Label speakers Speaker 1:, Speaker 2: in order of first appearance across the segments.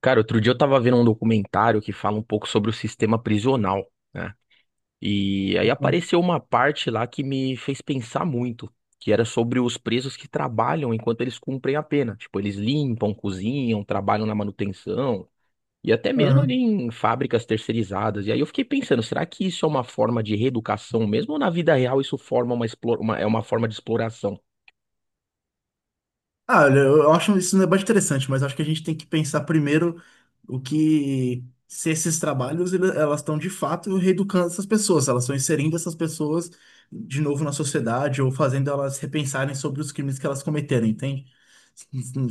Speaker 1: Cara, outro dia eu tava vendo um documentário que fala um pouco sobre o sistema prisional, né? E aí apareceu uma parte lá que me fez pensar muito, que era sobre os presos que trabalham enquanto eles cumprem a pena. Tipo, eles limpam, cozinham, trabalham na manutenção e até mesmo ali
Speaker 2: Aham.
Speaker 1: em fábricas terceirizadas. E aí eu fiquei pensando, será que isso é uma forma de reeducação mesmo ou na vida real isso forma uma, explora- uma- é uma forma de exploração?
Speaker 2: Ah, olha, eu acho isso um debate interessante, mas acho que a gente tem que pensar primeiro o que se esses trabalhos elas estão de fato reeducando essas pessoas, se elas estão inserindo essas pessoas de novo na sociedade ou fazendo elas repensarem sobre os crimes que elas cometeram, entende?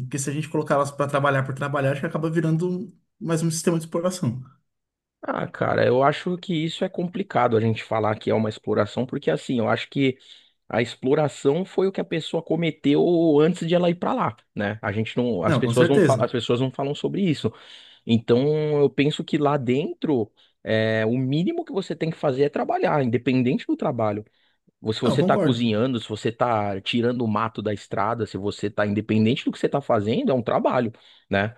Speaker 2: Porque se a gente colocar elas para trabalhar por trabalhar, acho que acaba virando mais um sistema de exploração.
Speaker 1: Ah, cara, eu acho que isso é complicado a gente falar que é uma exploração, porque assim, eu acho que a exploração foi o que a pessoa cometeu antes de ela ir para lá, né? A gente não, as
Speaker 2: Não, com
Speaker 1: pessoas não falam, as
Speaker 2: certeza.
Speaker 1: pessoas não falam sobre isso. Então, eu penso que lá dentro, o mínimo que você tem que fazer é trabalhar, independente do trabalho. Ou se
Speaker 2: Não,
Speaker 1: você está
Speaker 2: concordo.
Speaker 1: cozinhando, se você está tirando o mato da estrada, se você está independente do que você está fazendo, é um trabalho, né?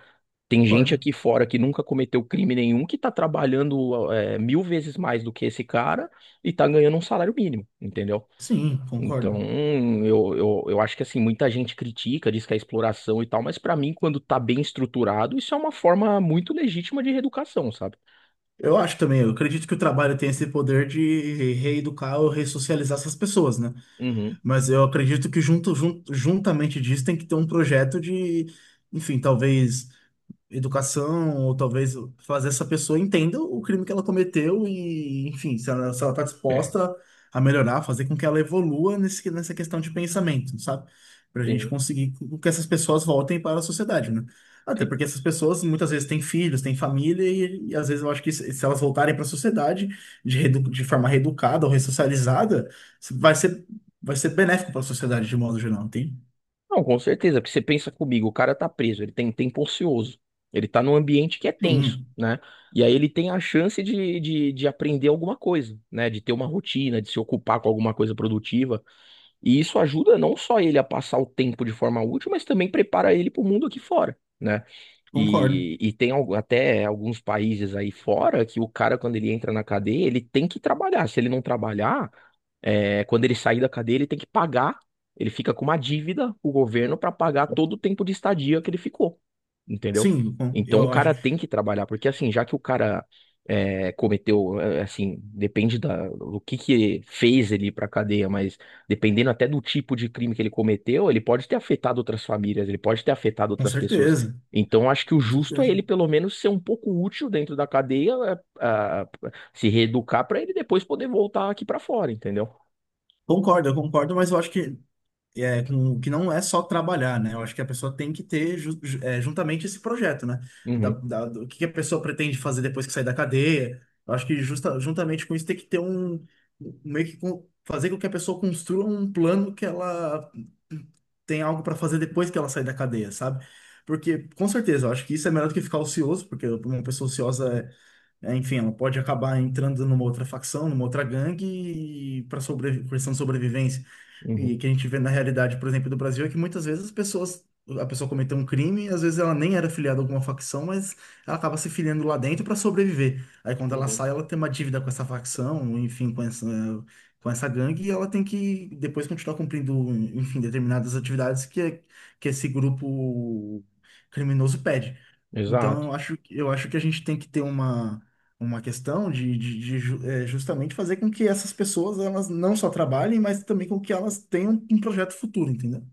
Speaker 1: Tem gente
Speaker 2: Concordo.
Speaker 1: aqui fora que nunca cometeu crime nenhum que está trabalhando, mil vezes mais do que esse cara e está ganhando um salário mínimo, entendeu?
Speaker 2: Sim,
Speaker 1: Então,
Speaker 2: concordo.
Speaker 1: eu acho que assim, muita gente critica, diz que é exploração e tal, mas pra mim, quando tá bem estruturado, isso é uma forma muito legítima de reeducação, sabe?
Speaker 2: Eu acho também, eu acredito que o trabalho tem esse poder de reeducar ou ressocializar essas pessoas, né?
Speaker 1: Uhum.
Speaker 2: Mas eu acredito que junto, juntamente disso tem que ter um projeto de, enfim, talvez educação, ou talvez fazer essa pessoa entenda o crime que ela cometeu e, enfim, se ela tá disposta a melhorar, fazer com que ela evolua nessa questão de pensamento, sabe? Pra gente
Speaker 1: Sim,
Speaker 2: conseguir que essas pessoas voltem para a sociedade, né? Até
Speaker 1: sim.
Speaker 2: porque essas pessoas muitas vezes têm filhos, têm família, e às vezes eu acho que se elas voltarem para a sociedade de forma reeducada ou ressocializada, vai ser, vai ser benéfico para a sociedade de modo geral, entende?
Speaker 1: Não, com certeza, porque você pensa comigo, o cara tá preso, ele tem tempo ocioso, ele tá num ambiente que é tenso,
Speaker 2: Sim,
Speaker 1: né? E aí ele tem a chance de aprender alguma coisa, né? De ter uma rotina, de se ocupar com alguma coisa produtiva. E isso ajuda não só ele a passar o tempo de forma útil, mas também prepara ele para o mundo aqui fora, né?
Speaker 2: concordo.
Speaker 1: E tem até alguns países aí fora que o cara, quando ele entra na cadeia, ele tem que trabalhar. Se ele não trabalhar, quando ele sair da cadeia, ele tem que pagar. Ele fica com uma dívida, o governo, para pagar todo o tempo de estadia que ele ficou, entendeu?
Speaker 2: Sim,
Speaker 1: Então o
Speaker 2: eu acho,
Speaker 1: cara tem que trabalhar, porque assim, já que o cara assim, depende do que fez ele ir pra cadeia, mas dependendo até do tipo de crime que ele cometeu, ele pode ter afetado outras famílias, ele pode ter afetado
Speaker 2: com
Speaker 1: outras pessoas.
Speaker 2: certeza.
Speaker 1: Então acho que o
Speaker 2: Com
Speaker 1: justo é
Speaker 2: certeza.
Speaker 1: ele pelo menos ser um pouco útil dentro da cadeia, é, a- se reeducar pra ele depois poder voltar aqui pra fora, entendeu?
Speaker 2: Concordo, eu concordo, mas eu acho que, é, que não é só trabalhar, né? Eu acho que a pessoa tem que ter juntamente esse projeto, né?
Speaker 1: Uhum,
Speaker 2: Do que a pessoa pretende fazer depois que sair da cadeia. Eu acho que juntamente com isso tem que ter fazer com que a pessoa construa um plano que ela tem algo para fazer depois que ela sair da cadeia, sabe? Porque, com certeza, eu acho que isso é melhor do que ficar ocioso, porque uma pessoa ociosa é é, enfim, ela pode acabar entrando numa outra facção, numa outra gangue, e para questão de sobrevivência. E que
Speaker 1: uhum,
Speaker 2: a gente vê na realidade, por exemplo, do Brasil, é que muitas vezes a pessoa cometeu um crime, às vezes ela nem era filiada a alguma facção, mas ela acaba se filiando lá dentro para sobreviver. Aí quando ela
Speaker 1: uhum.
Speaker 2: sai, ela tem uma dívida com essa facção, enfim, com essa gangue, e ela tem que depois continuar cumprindo, enfim, determinadas atividades que esse grupo criminoso pede. Então,
Speaker 1: Exato.
Speaker 2: eu acho que a gente tem que ter uma questão justamente fazer com que essas pessoas elas não só trabalhem, mas também com que elas tenham um projeto futuro, entendeu?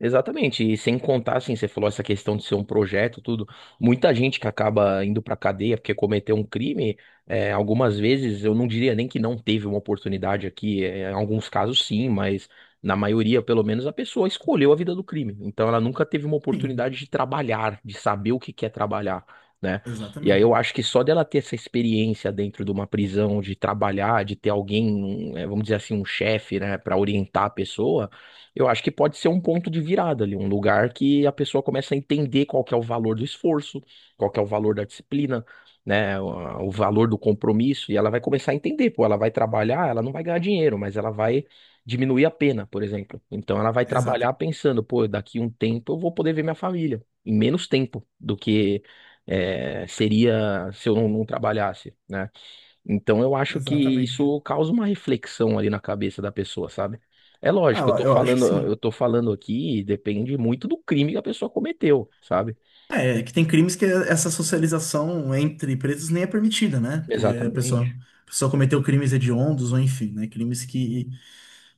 Speaker 1: Exatamente, e sem contar, assim, você falou essa questão de ser um projeto, tudo. Muita gente que acaba indo pra cadeia porque cometeu um crime, algumas vezes eu não diria nem que não teve uma oportunidade aqui, em alguns casos sim, mas na maioria, pelo menos, a pessoa escolheu a vida do crime. Então ela nunca teve uma
Speaker 2: Sim,
Speaker 1: oportunidade de trabalhar, de saber o que quer trabalhar, né? E aí
Speaker 2: exatamente.
Speaker 1: eu acho que só dela ter essa experiência dentro de uma prisão, de trabalhar, de ter alguém, vamos dizer assim, um chefe, né, para orientar a pessoa, eu acho que pode ser um ponto de virada ali, um lugar que a pessoa começa a entender qual que é o valor do esforço, qual que é o valor da disciplina, né, o valor do compromisso, e ela vai começar a entender, pô, ela vai trabalhar, ela não vai ganhar dinheiro, mas ela vai diminuir a pena, por exemplo. Então ela vai
Speaker 2: Exato,
Speaker 1: trabalhar pensando, pô, daqui um tempo eu vou poder ver minha família, em menos tempo do que seria se eu não trabalhasse, né? Então eu acho que
Speaker 2: exatamente.
Speaker 1: isso causa uma reflexão ali na cabeça da pessoa, sabe? É
Speaker 2: Ah,
Speaker 1: lógico,
Speaker 2: eu acho que sim.
Speaker 1: eu tô falando aqui, depende muito do crime que a pessoa cometeu, sabe?
Speaker 2: É que tem crimes que essa socialização entre presos nem é permitida, né? Porque a
Speaker 1: Exatamente,
Speaker 2: pessoa, a pessoa cometeu crimes hediondos, ou enfim, né? Crimes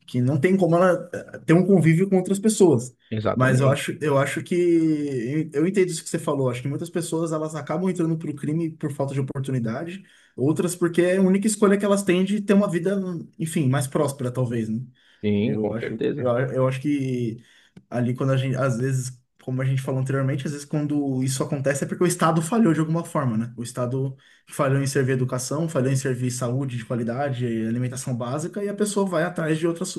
Speaker 2: que não tem como ela ter um convívio com outras pessoas. Mas
Speaker 1: exatamente.
Speaker 2: eu acho que eu entendo isso que você falou. Acho que muitas pessoas elas acabam entrando para o crime por falta de oportunidade, outras porque é a única escolha que elas têm de ter uma vida, enfim, mais próspera, talvez, né?
Speaker 1: Sim, com certeza.
Speaker 2: Eu acho que ali quando a gente, às vezes, como a gente falou anteriormente, às vezes quando isso acontece é porque o Estado falhou de alguma forma, né? O Estado falhou em servir educação, falhou em servir saúde de qualidade, alimentação básica, e a pessoa vai atrás de outras.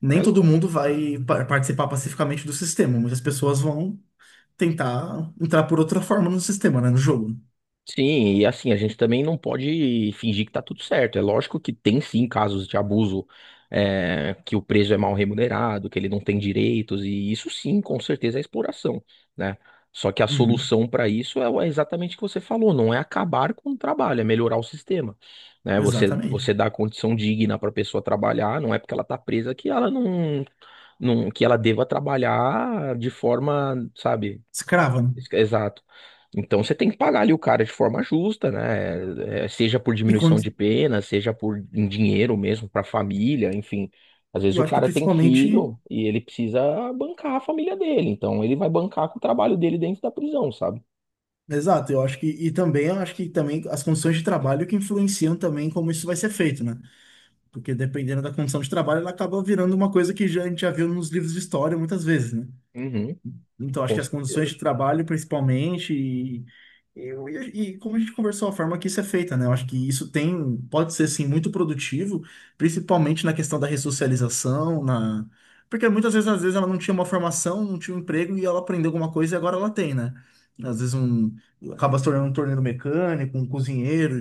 Speaker 2: Nem
Speaker 1: É.
Speaker 2: todo mundo vai participar pacificamente do sistema, muitas pessoas vão tentar entrar por outra forma no sistema, né, no jogo. Né?
Speaker 1: Sim, e assim, a gente também não pode fingir que tá tudo certo. É lógico que tem sim casos de abuso, que o preso é mal remunerado, que ele não tem direitos, e isso sim, com certeza é exploração, né? Só que a
Speaker 2: Uhum.
Speaker 1: solução para isso é exatamente o que você falou, não é acabar com o trabalho, é melhorar o sistema, né?
Speaker 2: Exatamente.
Speaker 1: Você dá condição digna para a pessoa trabalhar, não é porque ela tá presa que ela não, não, que ela deva trabalhar de forma, sabe?
Speaker 2: Escrava, né?
Speaker 1: Exato. Então você tem que pagar ali o cara de forma justa, né? É, seja por
Speaker 2: E
Speaker 1: diminuição
Speaker 2: quando,
Speaker 1: de pena, seja por em dinheiro mesmo para a família, enfim. Às
Speaker 2: e
Speaker 1: vezes
Speaker 2: eu
Speaker 1: o
Speaker 2: acho que
Speaker 1: cara tem
Speaker 2: principalmente,
Speaker 1: filho e ele precisa bancar a família dele, então ele vai bancar com o trabalho dele dentro da prisão, sabe?
Speaker 2: exato, eu acho que também eu acho que também as condições de trabalho que influenciam também como isso vai ser feito, né? Porque dependendo da condição de trabalho, ela acaba virando uma coisa a gente já viu nos livros de história muitas vezes, né?
Speaker 1: Uhum,
Speaker 2: Então, acho
Speaker 1: com
Speaker 2: que as condições
Speaker 1: certeza.
Speaker 2: de trabalho, principalmente, e, e como a gente conversou, a forma que isso é feita, né? Eu acho que isso tem, pode ser, sim, muito produtivo, principalmente na questão da ressocialização, na... Porque muitas vezes, às vezes, ela não tinha uma formação, não tinha um emprego, e ela aprendeu alguma coisa e agora ela tem, né? Às vezes, um... acaba se tornando um torneiro mecânico, um cozinheiro,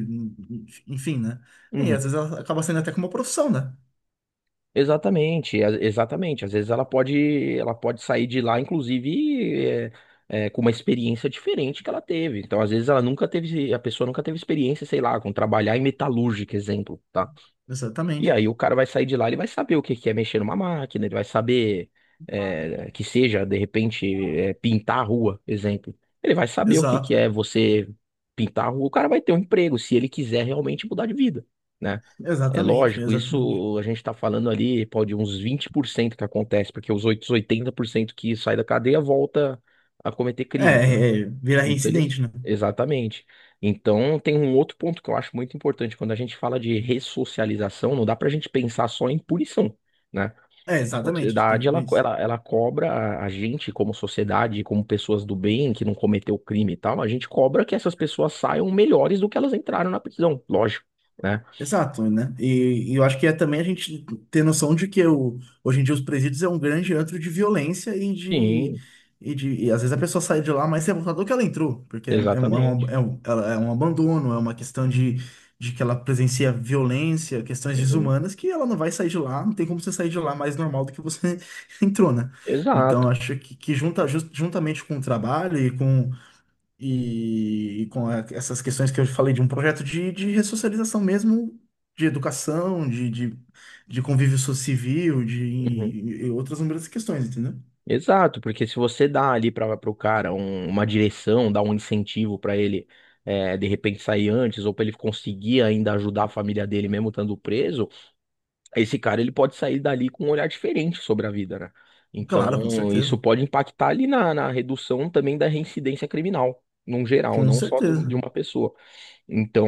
Speaker 2: enfim, né? E às
Speaker 1: Uhum.
Speaker 2: vezes ela acaba sendo até como uma profissão, né?
Speaker 1: Exatamente, exatamente. Às vezes ela pode sair de lá, inclusive, com uma experiência diferente que ela teve. Então, às vezes ela nunca teve, a pessoa nunca teve experiência, sei lá, com trabalhar em metalúrgica, exemplo, tá? E
Speaker 2: Exatamente.
Speaker 1: aí o cara vai sair de lá, ele vai saber o que que é mexer numa máquina, ele vai saber, que seja, de repente, pintar a rua, exemplo. Ele vai saber o que que
Speaker 2: Exato.
Speaker 1: é você pintar a rua. O cara vai ter um emprego, se ele quiser realmente mudar de vida, né? É
Speaker 2: Exatamente,
Speaker 1: lógico,
Speaker 2: exatamente.
Speaker 1: isso a gente está falando ali, pode uns 20% que acontece, porque os outros 80% que sai da cadeia volta a cometer crimes, né?
Speaker 2: É, vira
Speaker 1: Infeliz-
Speaker 2: reincidente, né?
Speaker 1: Exatamente. Então, tem um outro ponto que eu acho muito importante. Quando a gente fala de ressocialização, não dá para a gente pensar só em punição, né?
Speaker 2: É,
Speaker 1: A
Speaker 2: exatamente, a gente tem
Speaker 1: sociedade,
Speaker 2: que pôr isso.
Speaker 1: ela cobra a gente, como sociedade, como pessoas do bem, que não cometeu crime e tal, a gente cobra que essas pessoas saiam melhores do que elas entraram na prisão, lógico, né?
Speaker 2: Exato, né? E eu acho que é também a gente ter noção de hoje em dia os presídios é um grande antro de violência e de.
Speaker 1: Sim,
Speaker 2: E às vezes a pessoa sai de lá mais revoltada do que ela entrou, porque
Speaker 1: exatamente.
Speaker 2: é um abandono, é uma questão de que ela presencia violência, questões
Speaker 1: Uhum.
Speaker 2: desumanas, que ela não vai sair de lá, não tem como você sair de lá mais normal do que você entrou, né? Então,
Speaker 1: Exato.
Speaker 2: que juntamente com o trabalho e com essas questões que eu falei de um projeto de ressocialização mesmo, de educação, de convívio civil, de
Speaker 1: Uhum.
Speaker 2: e outras inúmeras questões, entendeu?
Speaker 1: Exato, porque se você dá ali para o cara uma direção, dá um incentivo para ele de repente sair antes, ou para ele conseguir ainda ajudar a família dele mesmo estando preso, esse cara ele pode sair dali com um olhar diferente sobre a vida, né?
Speaker 2: Claro, com
Speaker 1: Então, isso
Speaker 2: certeza.
Speaker 1: pode impactar ali na redução também da reincidência criminal, num geral,
Speaker 2: Com
Speaker 1: não só de
Speaker 2: certeza.
Speaker 1: uma pessoa. Então,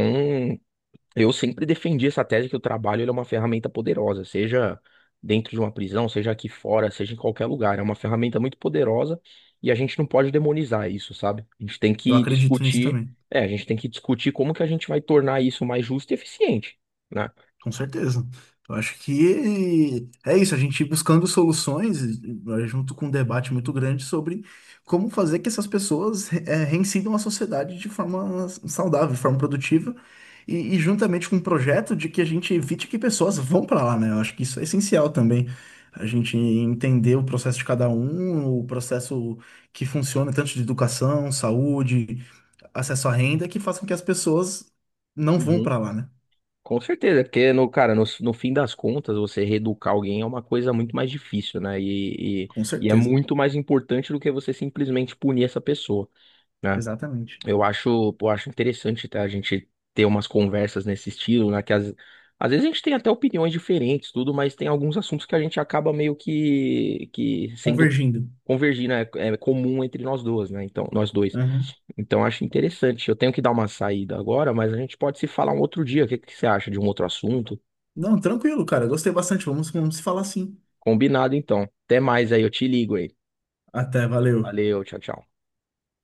Speaker 1: eu sempre defendi essa tese que o trabalho ele é uma ferramenta poderosa, seja dentro de uma prisão, seja aqui fora, seja em qualquer lugar. É uma ferramenta muito poderosa e a gente não pode demonizar isso, sabe? A gente tem
Speaker 2: Eu
Speaker 1: que
Speaker 2: acredito nisso
Speaker 1: discutir,
Speaker 2: também.
Speaker 1: como que a gente vai tornar isso mais justo e eficiente, né?
Speaker 2: Com certeza. Eu acho que é isso, a gente ir buscando soluções junto com um debate muito grande sobre como fazer que essas pessoas reincidam a sociedade de forma saudável, de forma produtiva, e juntamente com um projeto de que a gente evite que pessoas vão para lá, né? Eu acho que isso é essencial também. A gente entender o processo de cada um, o processo que funciona, tanto de educação, saúde, acesso à renda, que faça com que as pessoas não vão
Speaker 1: Uhum.
Speaker 2: para lá, né?
Speaker 1: Com certeza, porque no, cara, no fim das contas, você reeducar alguém é uma coisa muito mais difícil, né?
Speaker 2: Com
Speaker 1: E é
Speaker 2: certeza.
Speaker 1: muito mais importante do que você simplesmente punir essa pessoa, né?
Speaker 2: Exatamente.
Speaker 1: Eu acho interessante, tá? A gente ter umas conversas nesse estilo, né? Às vezes a gente tem até opiniões diferentes, tudo, mas tem alguns assuntos que a gente acaba meio que, sendo
Speaker 2: Convergindo.
Speaker 1: convergir, né? É comum entre nós duas, né? Então, nós dois.
Speaker 2: Aham.
Speaker 1: Então, eu acho interessante. Eu tenho que dar uma saída agora, mas a gente pode se falar um outro dia. O que que você acha de um outro assunto?
Speaker 2: Não, tranquilo, cara. Gostei bastante. Vamos se falar assim.
Speaker 1: Combinado, então. Até mais aí, eu te ligo aí.
Speaker 2: Até, valeu.
Speaker 1: Valeu, tchau, tchau.